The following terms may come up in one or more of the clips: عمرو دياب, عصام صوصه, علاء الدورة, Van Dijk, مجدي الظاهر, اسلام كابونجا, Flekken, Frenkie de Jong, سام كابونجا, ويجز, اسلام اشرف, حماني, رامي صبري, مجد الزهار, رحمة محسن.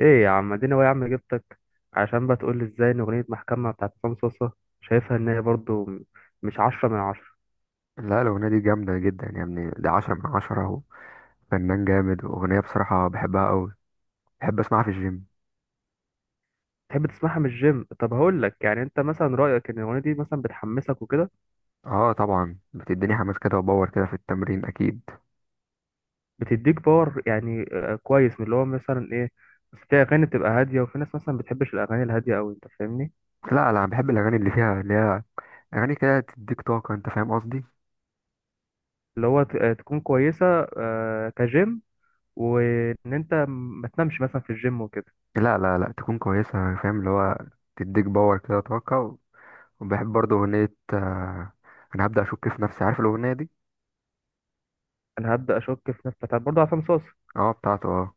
ايه يا عم اديني، هو يا عم جبتك عشان بقى تقول لي ازاي ان اغنيه محكمه بتاعت عصام صوصه شايفها ان هي برضو مش عشرة من عشرة. لا الأغنية دي جامدة جدا يا ابني، دي عشرة من عشرة وفنان جامد وأغنية بصراحة بحبها أوي. بحب أسمعها في الجيم. تحب تسمعها من الجيم؟ طب هقول لك، يعني انت مثلا رايك ان الاغنيه دي مثلا بتحمسك وكده؟ اه طبعا بتديني حماس كده وباور كده في التمرين أكيد. بتديك باور يعني، كويس، من اللي هو مثلا ايه؟ بس في اغاني بتبقى هاديه وفي ناس مثلا بتحبش الاغاني الهاديه قوي، انت فاهمني؟ لا لا بحب الأغاني اللي فيها اللي هي أغاني كده تديك طاقة، أنت فاهم قصدي. اللي هو تكون كويسه، كجيم، وان انت ما تنامش مثلا في الجيم وكده. لا لا لا تكون كويسة. فاهم اللي هو تديك باور كده طاقة. وبحب برضه أغنية. أنا هبدأ أشك في نفسي، عارف الأغنية دي. انا هبدا اشك في نفسي، طب برضه عصام صوصه. اه بتاعته اه.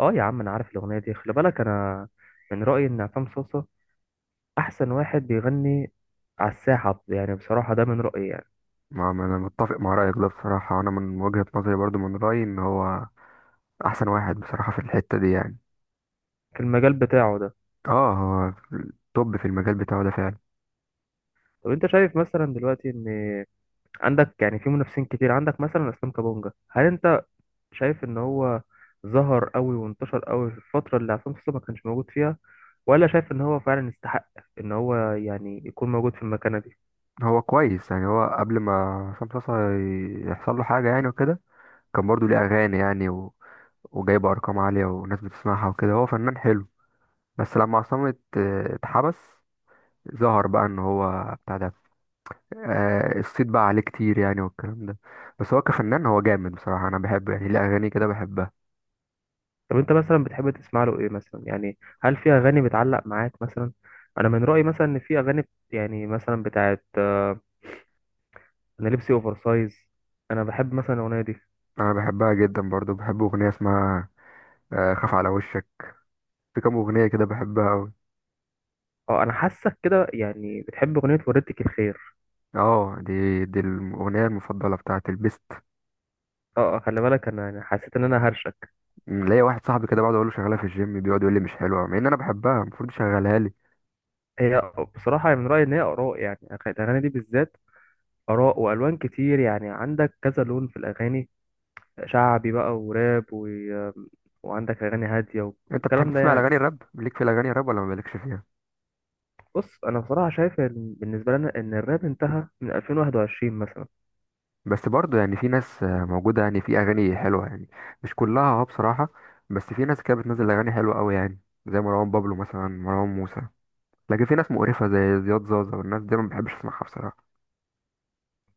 اه يا عم انا عارف الاغنيه دي، خلي بالك انا من رايي ان عصام صوصه احسن واحد بيغني على الساحه، يعني بصراحه ده من رايي يعني، أنا متفق مع رأيك ده بصراحة، أنا من وجهة نظري برضه من رأيي إن هو أحسن واحد بصراحة في الحتة دي يعني. في المجال بتاعه ده. اه هو توب في المجال بتاعه ده فعلا. طب انت شايف مثلا دلوقتي ان عندك يعني في منافسين كتير؟ عندك مثلا اسلام كابونجا، هل انت شايف ان هو ظهر قوي وانتشر قوي في الفتره اللي عصام صوصه ما كانش موجود فيها، ولا شايف ان هو فعلا يستحق ان هو يعني يكون موجود في المكانه دي؟ هو كويس يعني، هو قبل ما عصام صاصا يحصل له حاجة يعني وكده، كان برضه ليه أغاني يعني وجايب أرقام عالية وناس بتسمعها وكده، هو فنان حلو. بس لما عصام اتحبس، ظهر بقى ان هو بتاع ده. آه الصيت بقى عليه كتير يعني والكلام ده. بس هو كفنان هو جامد بصراحة، انا بحبه يعني، ليه اغاني كده بحبها. طب انت مثلا بتحب تسمع له ايه مثلا؟ يعني هل في اغاني بتعلق معاك مثلا؟ انا من رايي مثلا ان في اغاني يعني مثلا بتاعت، انا لبسي اوفر سايز، انا بحب مثلا الاغنيه دي. انا بحبها جدا برضه. بحب اغنية اسمها خاف على وشك. في كام اغنية كده بحبها أوي. اه انا حاسك كده، يعني بتحب اغنيه وردتك الخير. اه دي الاغنيه المفضله بتاعت البيست. اه، خلي بالك انا يعني حسيت ان انا هرشك. ليا واحد صاحبي كده بقعد اقول له شغاله في الجيم، بيقعد يقول لي مش حلوه، مع ان انا بحبها، المفروض يشغلها لي. هي بصراحه يعني من رايي ان هي اراء، يعني الاغاني دي بالذات اراء والوان كتير، يعني عندك كذا لون في الاغاني، شعبي بقى وراب و، وعندك اغاني هاديه انت بتحب والكلام ده تسمع يعني. الاغاني الراب؟ ليك في الاغاني الراب ولا ما مالكش فيها؟ بص انا بصراحه شايف ان بالنسبه لنا ان الراب انتهى من 2021 مثلا. بس برضه يعني في ناس موجوده يعني، في اغاني حلوه يعني، مش كلها اه بصراحه. بس في ناس كده بتنزل اغاني حلوه قوي يعني، زي مروان بابلو مثلا، مروان موسى. لكن في ناس مقرفه زي زياد زازا والناس دي ما بحبش اسمعها بصراحه.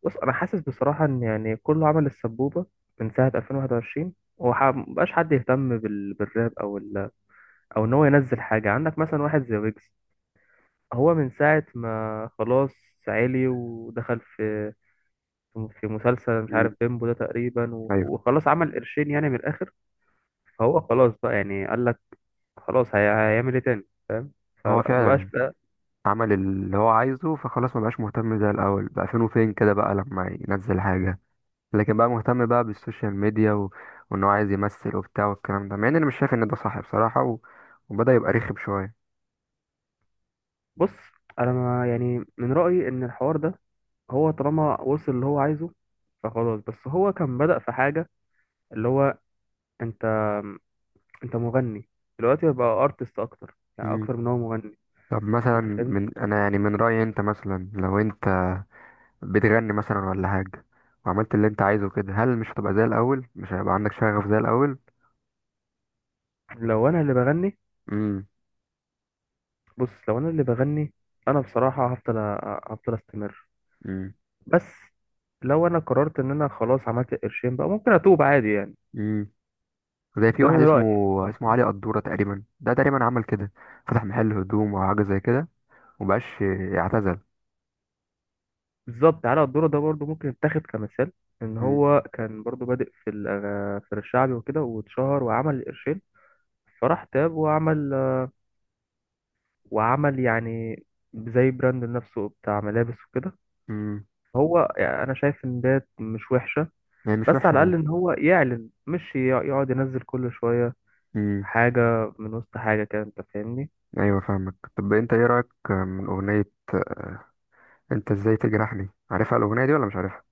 بص انا حاسس بصراحه ان يعني كله عمل السبوبه من ساعه 2021 ومبقاش حد يهتم بالراب او ال، او ان هو ينزل حاجه. عندك مثلا واحد زي ويجز، هو من ساعه ما خلاص عالي ودخل في في مسلسل مش م، عارف بيمبو ده تقريبا و، ايوه. وخلاص عمل قرشين يعني من الاخر. فهو خلاص بقى يعني قال لك خلاص، هيعمل ايه تاني؟ فاهم؟ هو فمبقاش. فعلا عمل اللي هو عايزه فخلاص مبقاش مهتم زي الأول، بقى فين وفين كده بقى لما ينزل حاجة. لكن بقى مهتم بقى بالسوشيال ميديا وإن هو عايز يمثل وبتاع والكلام ده، مع إن أنا مش شايف إن ده صح بصراحة وبدأ يبقى رخم شوية. بص انا ما يعني من رأيي ان الحوار ده هو طالما وصل اللي هو عايزه فخلاص. بس هو كان بدأ في حاجة، اللي هو، انت انت مغني، دلوقتي بقى ارتست اكتر، يعني مم. اكتر من هو مغني، طب مثلا، انت فاهم؟ من أنا يعني من رأيي، أنت مثلا لو أنت بتغني مثلا ولا حاجة وعملت اللي أنت عايزه كده، هل مش هتبقى زي الأول؟ مش هيبقى عندك شغف زي الأول؟ لو انا اللي بغني، مم. بص لو انا اللي بغني انا بصراحة هفضل هفضل استمر. مم. بس لو انا قررت ان انا خلاص عملت قرشين بقى ممكن اتوب عادي يعني. مم. زي في ده واحد من اسمه رأيي بصراحة. اسمه علي قدورة تقريبا. ده تقريبا عمل كده، فتح محل هدوم او حاجه زي كده، ومبقاش يعتزل. بالظبط، علاء الدورة ده برضه ممكن يتاخد كمثال، ان مم. هو كان برضه بادئ في في الشعبي وكده واتشهر وعمل قرشين، فراح تاب وعمل يعني زي براند لنفسه بتاع ملابس وكده. مم. هو يعني انا شايف ان ده مش وحشة، يعني مش بس وحشة على الاقل يعني. ان هو يعلن، مش يقعد ينزل كل شوية امم. حاجة من وسط حاجة كده، انت فاهمني؟ ايوه فاهمك. طب انت ايه رأيك من اغنية انت ازاي تجرحني؟ عارفها الاغنية دي ولا مش عارفها؟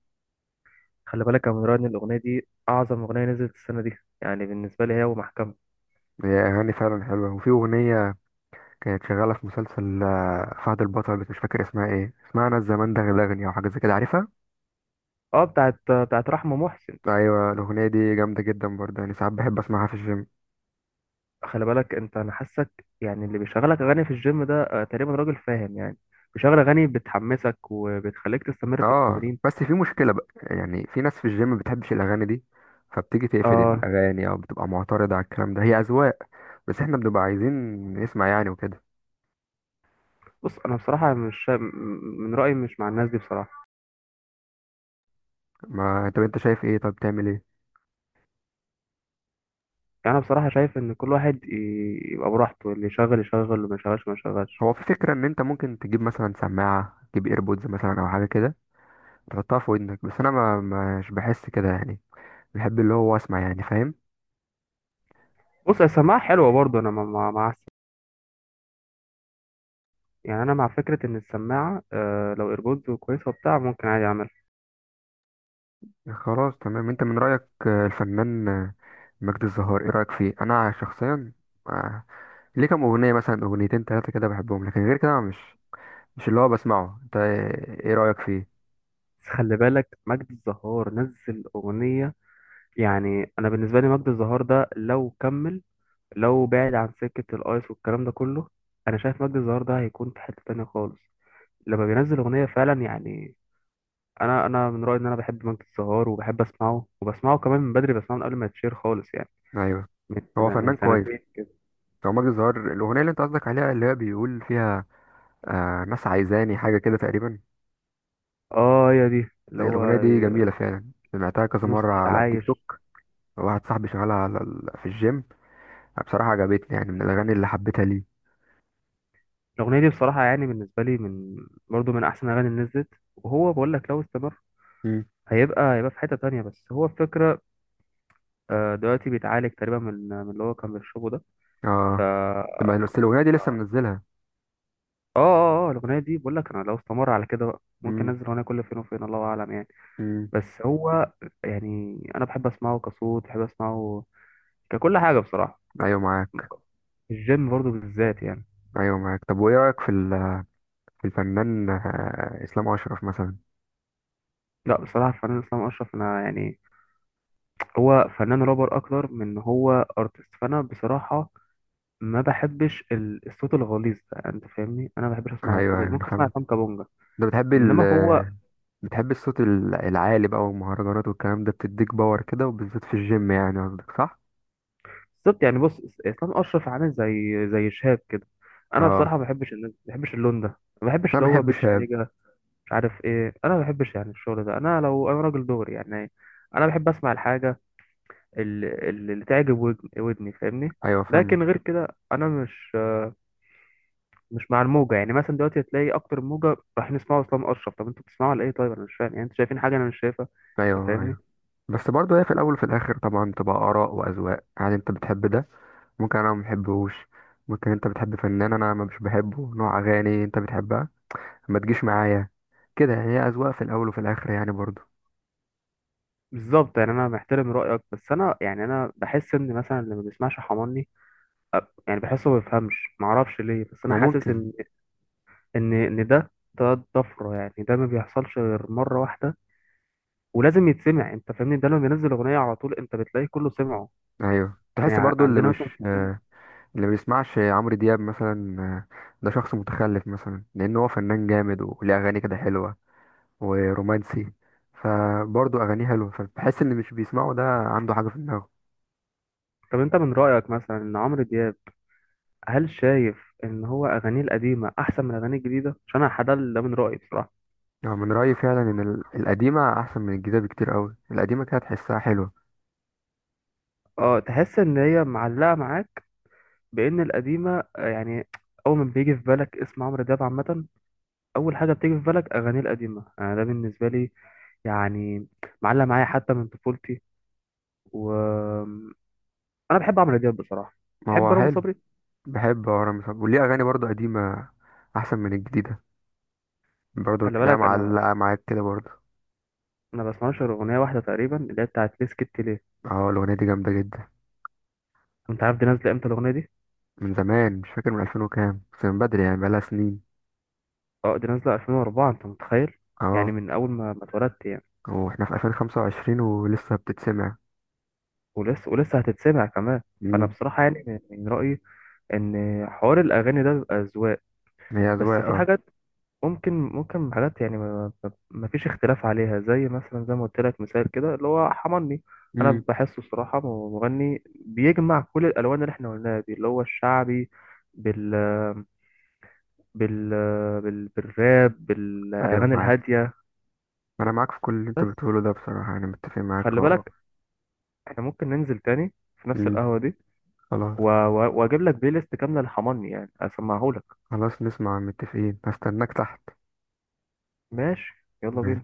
خلي بالك يا منير ان الاغنية دي اعظم اغنية نزلت السنة دي، يعني بالنسبة لي هي ومحكمة. هي اغاني فعلا حلوة. وفي اغنية كانت شغالة في مسلسل فهد البطل، بس مش فاكر اسمها ايه. اسمها انا الزمان دغدغني او حاجة زي كده، عارفها. اه، بتاعت بتاعت رحمة محسن. ايوه الاغنية دي جامدة جدا برضه، يعني ساعات بحب اسمعها في الجيم. خلي بالك انت، انا حاسك يعني اللي بيشغلك اغاني في الجيم ده تقريبا راجل فاهم يعني، بيشغل اغاني بتحمسك وبتخليك تستمر في اه التمرين. بس في مشكلة بقى يعني، في ناس في الجيم ما بتحبش الأغاني دي، فبتيجي تقفل آه. الأغاني أو بتبقى معترضة على الكلام ده. هي أذواق، بس احنا بنبقى عايزين نسمع يعني وكده. بص انا بصراحه مش شا- م- من رايي مش مع الناس دي بصراحه. ما طب انت شايف ايه؟ طب تعمل ايه؟ يعني انا بصراحه شايف ان كل واحد يبقى براحته، اللي يشغل يشغل واللي ما يشغلش ما يشغلش. هو في فكرة ان انت ممكن تجيب مثلا سماعة، تجيب ايربودز مثلا او حاجة كده تحطها في ودنك، بس انا ما مش بحس كده يعني، بحب اللي هو اسمع يعني، فاهم. بص السماعه حلوه برضه، انا مع مع يعني انا مع فكره ان السماعه، آه لو ايربودز كويسه وبتاع ممكن عادي اعملها. خلاص تمام. انت من رأيك الفنان مجدي الزهار، ايه رأيك فيه؟ انا شخصيا آه، ليه كام اغنيه مثلا، اغنيتين ثلاثه كده بحبهم، لكن غير كده أنا مش اللي هو بسمعه. انت إيه رايك فيه؟ بس خلي بالك مجد الزهار نزل اغنيه، يعني انا بالنسبه لي مجد الزهار ده لو كمل، لو بعد عن سكة الأيس والكلام ده كله، أنا شايف مجدي الظاهر ده هيكون في حتة تانية خالص لما بينزل أغنية فعلا يعني. أنا من رأيي إن أنا بحب مجدي الظاهر وبحب أسمعه وبسمعه كمان من بدري، بسمعه من قبل ما يتشير خالص يعني، ايوه من هو سنة من فنان كويس. سنتين كده. هو ماجد الزهار الاغنيه اللي انت قصدك عليها اللي هي بيقول فيها ناس عايزاني حاجه كده تقريبا. آه هي دي اللي هي هو، الاغنيه دي جميله فعلا، سمعتها كذا نص مره على التيك العايش. توك. واحد صاحبي شغالها على في الجيم. بصراحه عجبتني يعني، من الاغاني اللي حبيتها ليه. الأغنية دي بصراحة يعني بالنسبة لي من برضه من أحسن الأغاني اللي نزلت، وهو بقول لك لو استمر امم هيبقى هيبقى في حتة تانية. بس هو الفكرة، دلوقتي بيتعالج تقريبا من من اللي هو كان بيشربه ده. ف اه. طب بس الاغنيه دي لسه منزلها؟ اه، الاغنيه دي بقول لك، انا لو استمر على كده بقى ممكن امم. انزل اغنيه كل فين وفين الله اعلم يعني. امم. بس هو، يعني انا بحب اسمعه كصوت، بحب اسمعه ككل حاجه بصراحه، ايوه معاك. الجيم برضو بالذات يعني. ايوه معاك. طب وايه رايك في في الفنان اسلام اشرف مثلا؟ لا بصراحه الفنان اسلام اشرف، انا يعني هو فنان رابر اكتر من إن هو ارتست، فانا بصراحه ما بحبش الصوت الغليظ ده، انت فاهمني؟ انا ما بحبش ايوه اسمع صوت. ايوه انا ممكن اسمع فاهم. سام كابونجا، انت بتحب انما هو، بتحب الصوت العالي بقى والمهرجانات والكلام ده، بتديك باور كده وبالذات في الجيم يعني، قصدك صح؟ بالظبط يعني، بص اسلام اشرف عامل زي شهاب كده. انا اه بصراحه ما بحبش ما بحبش اللون ده، ما بس بحبش انا اللي هو بحب بيتش شاب. نيجا، مش عارف ايه. انا ما بحبش يعني الشغل ده، انا لو انا راجل دغري يعني، انا بحب اسمع الحاجه اللي تعجب ودني، فاهمني؟ ايوه فاهمك. لكن غير كده انا مش مع الموجه، يعني مثلا دلوقتي تلاقي اكتر موجه رايحين يسمعوا اسلام اشرف. طب انتوا بتسمعوا على ايه؟ طيب انا مش فاهم يعني، انتوا شايفين حاجه انا مش شايفها، انت ايوه فاهمني؟ ايوه بس برضه هي في الاول وفي الاخر طبعا تبقى اراء واذواق يعني. انت بتحب ده ممكن انا ما بحبهوش. ممكن انت بتحب فنان انا ما مش بحبه، نوع اغاني انت بتحبها ما تجيش معايا كده يعني. هي اذواق في الاول وفي الاخر يعني برضه. بالظبط يعني، انا محترم رايك، بس انا يعني انا بحس ان مثلا اللي ما بيسمعش حماني يعني بحسه ما بيفهمش، ما اعرفش ليه، بس انا ما حاسس ممكن. ان ان ده طفره يعني، ده ما بيحصلش غير مره واحده، ولازم يتسمع انت فاهمني. ده لما بينزل اغنيه على طول انت بتلاقي كله سمعه، ايوه يعني تحس برضه اللي عندنا مش، مثلا في الجيم. اللي ما بيسمعش عمرو دياب مثلا ده شخص متخلف مثلا، لان هو فنان جامد وليه اغاني كده حلوه ورومانسي، فبرضه اغانيه حلوه، فبحس ان مش بيسمعه ده عنده حاجه في دماغه. طب انت من رايك مثلا ان عمرو دياب، هل شايف ان هو اغانيه القديمه احسن من اغانيه الجديده؟ عشان انا حد ده، من رايي بصراحه. يعني من رايي فعلا ان القديمه احسن من الجديده بكتير قوي. القديمه كده تحسها حلوه. اه تحس ان هي معلقه معاك، بان القديمه، يعني اول ما بيجي في بالك اسم عمرو دياب عامه، اول حاجه بتيجي في بالك اغاني القديمه. انا ده بالنسبه لي يعني معلق معايا حتى من طفولتي، و، انا بحب عمرو دياب بصراحه، ما بحب هو رامي حلو. صبري. بحب ورا مثلا وليه اغاني برضه قديمه احسن من الجديده، برضه خلي تلاقيها بالك انا، معلقه معاك كده برضه. انا بسمعش غير اغنيه واحده تقريبا اللي هي بتاعت ليه سكت ليه. اه الاغنيه دي جامده جدا. وانت عارف دي نازله امتى الاغنيه دي؟ من زمان مش فاكر، من 2000 وكام، بس من بدري يعني بقالها سنين. اه دي نازله 2004، انت متخيل؟ يعني اه، من اول ما اتولدت يعني. واحنا في 2025 ولسه بتتسمع. ولسه ولسه هتتسمع كمان. فانا امم بصراحه يعني من من رايي ان حوار الاغاني ده بيبقى اذواق. هي بس أذواق في اه. حاجات، ممكن حاجات يعني ما فيش اختلاف عليها، زي مثلا زي ما قلت لك مثال كده اللي هو حماني. انا امم بحسه الصراحه مغني بيجمع كل الالوان اللي احنا قلناها دي، اللي هو الشعبي بال بال, بالراب أيوه بالاغاني معاك. الهاديه. أنا معاك في كل اللي أنت بس بتقوله ده بصراحة، أنا متفق معاك خلي اه. بالك، احنا ممكن ننزل تاني في نفس امم. القهوه دي خلاص. و، و، واجيب لك بلاي ليست كامله لحماني يعني اسمعهولك. خلاص نسمع، متفقين، هستناك تحت. ماشي، يلا بينا.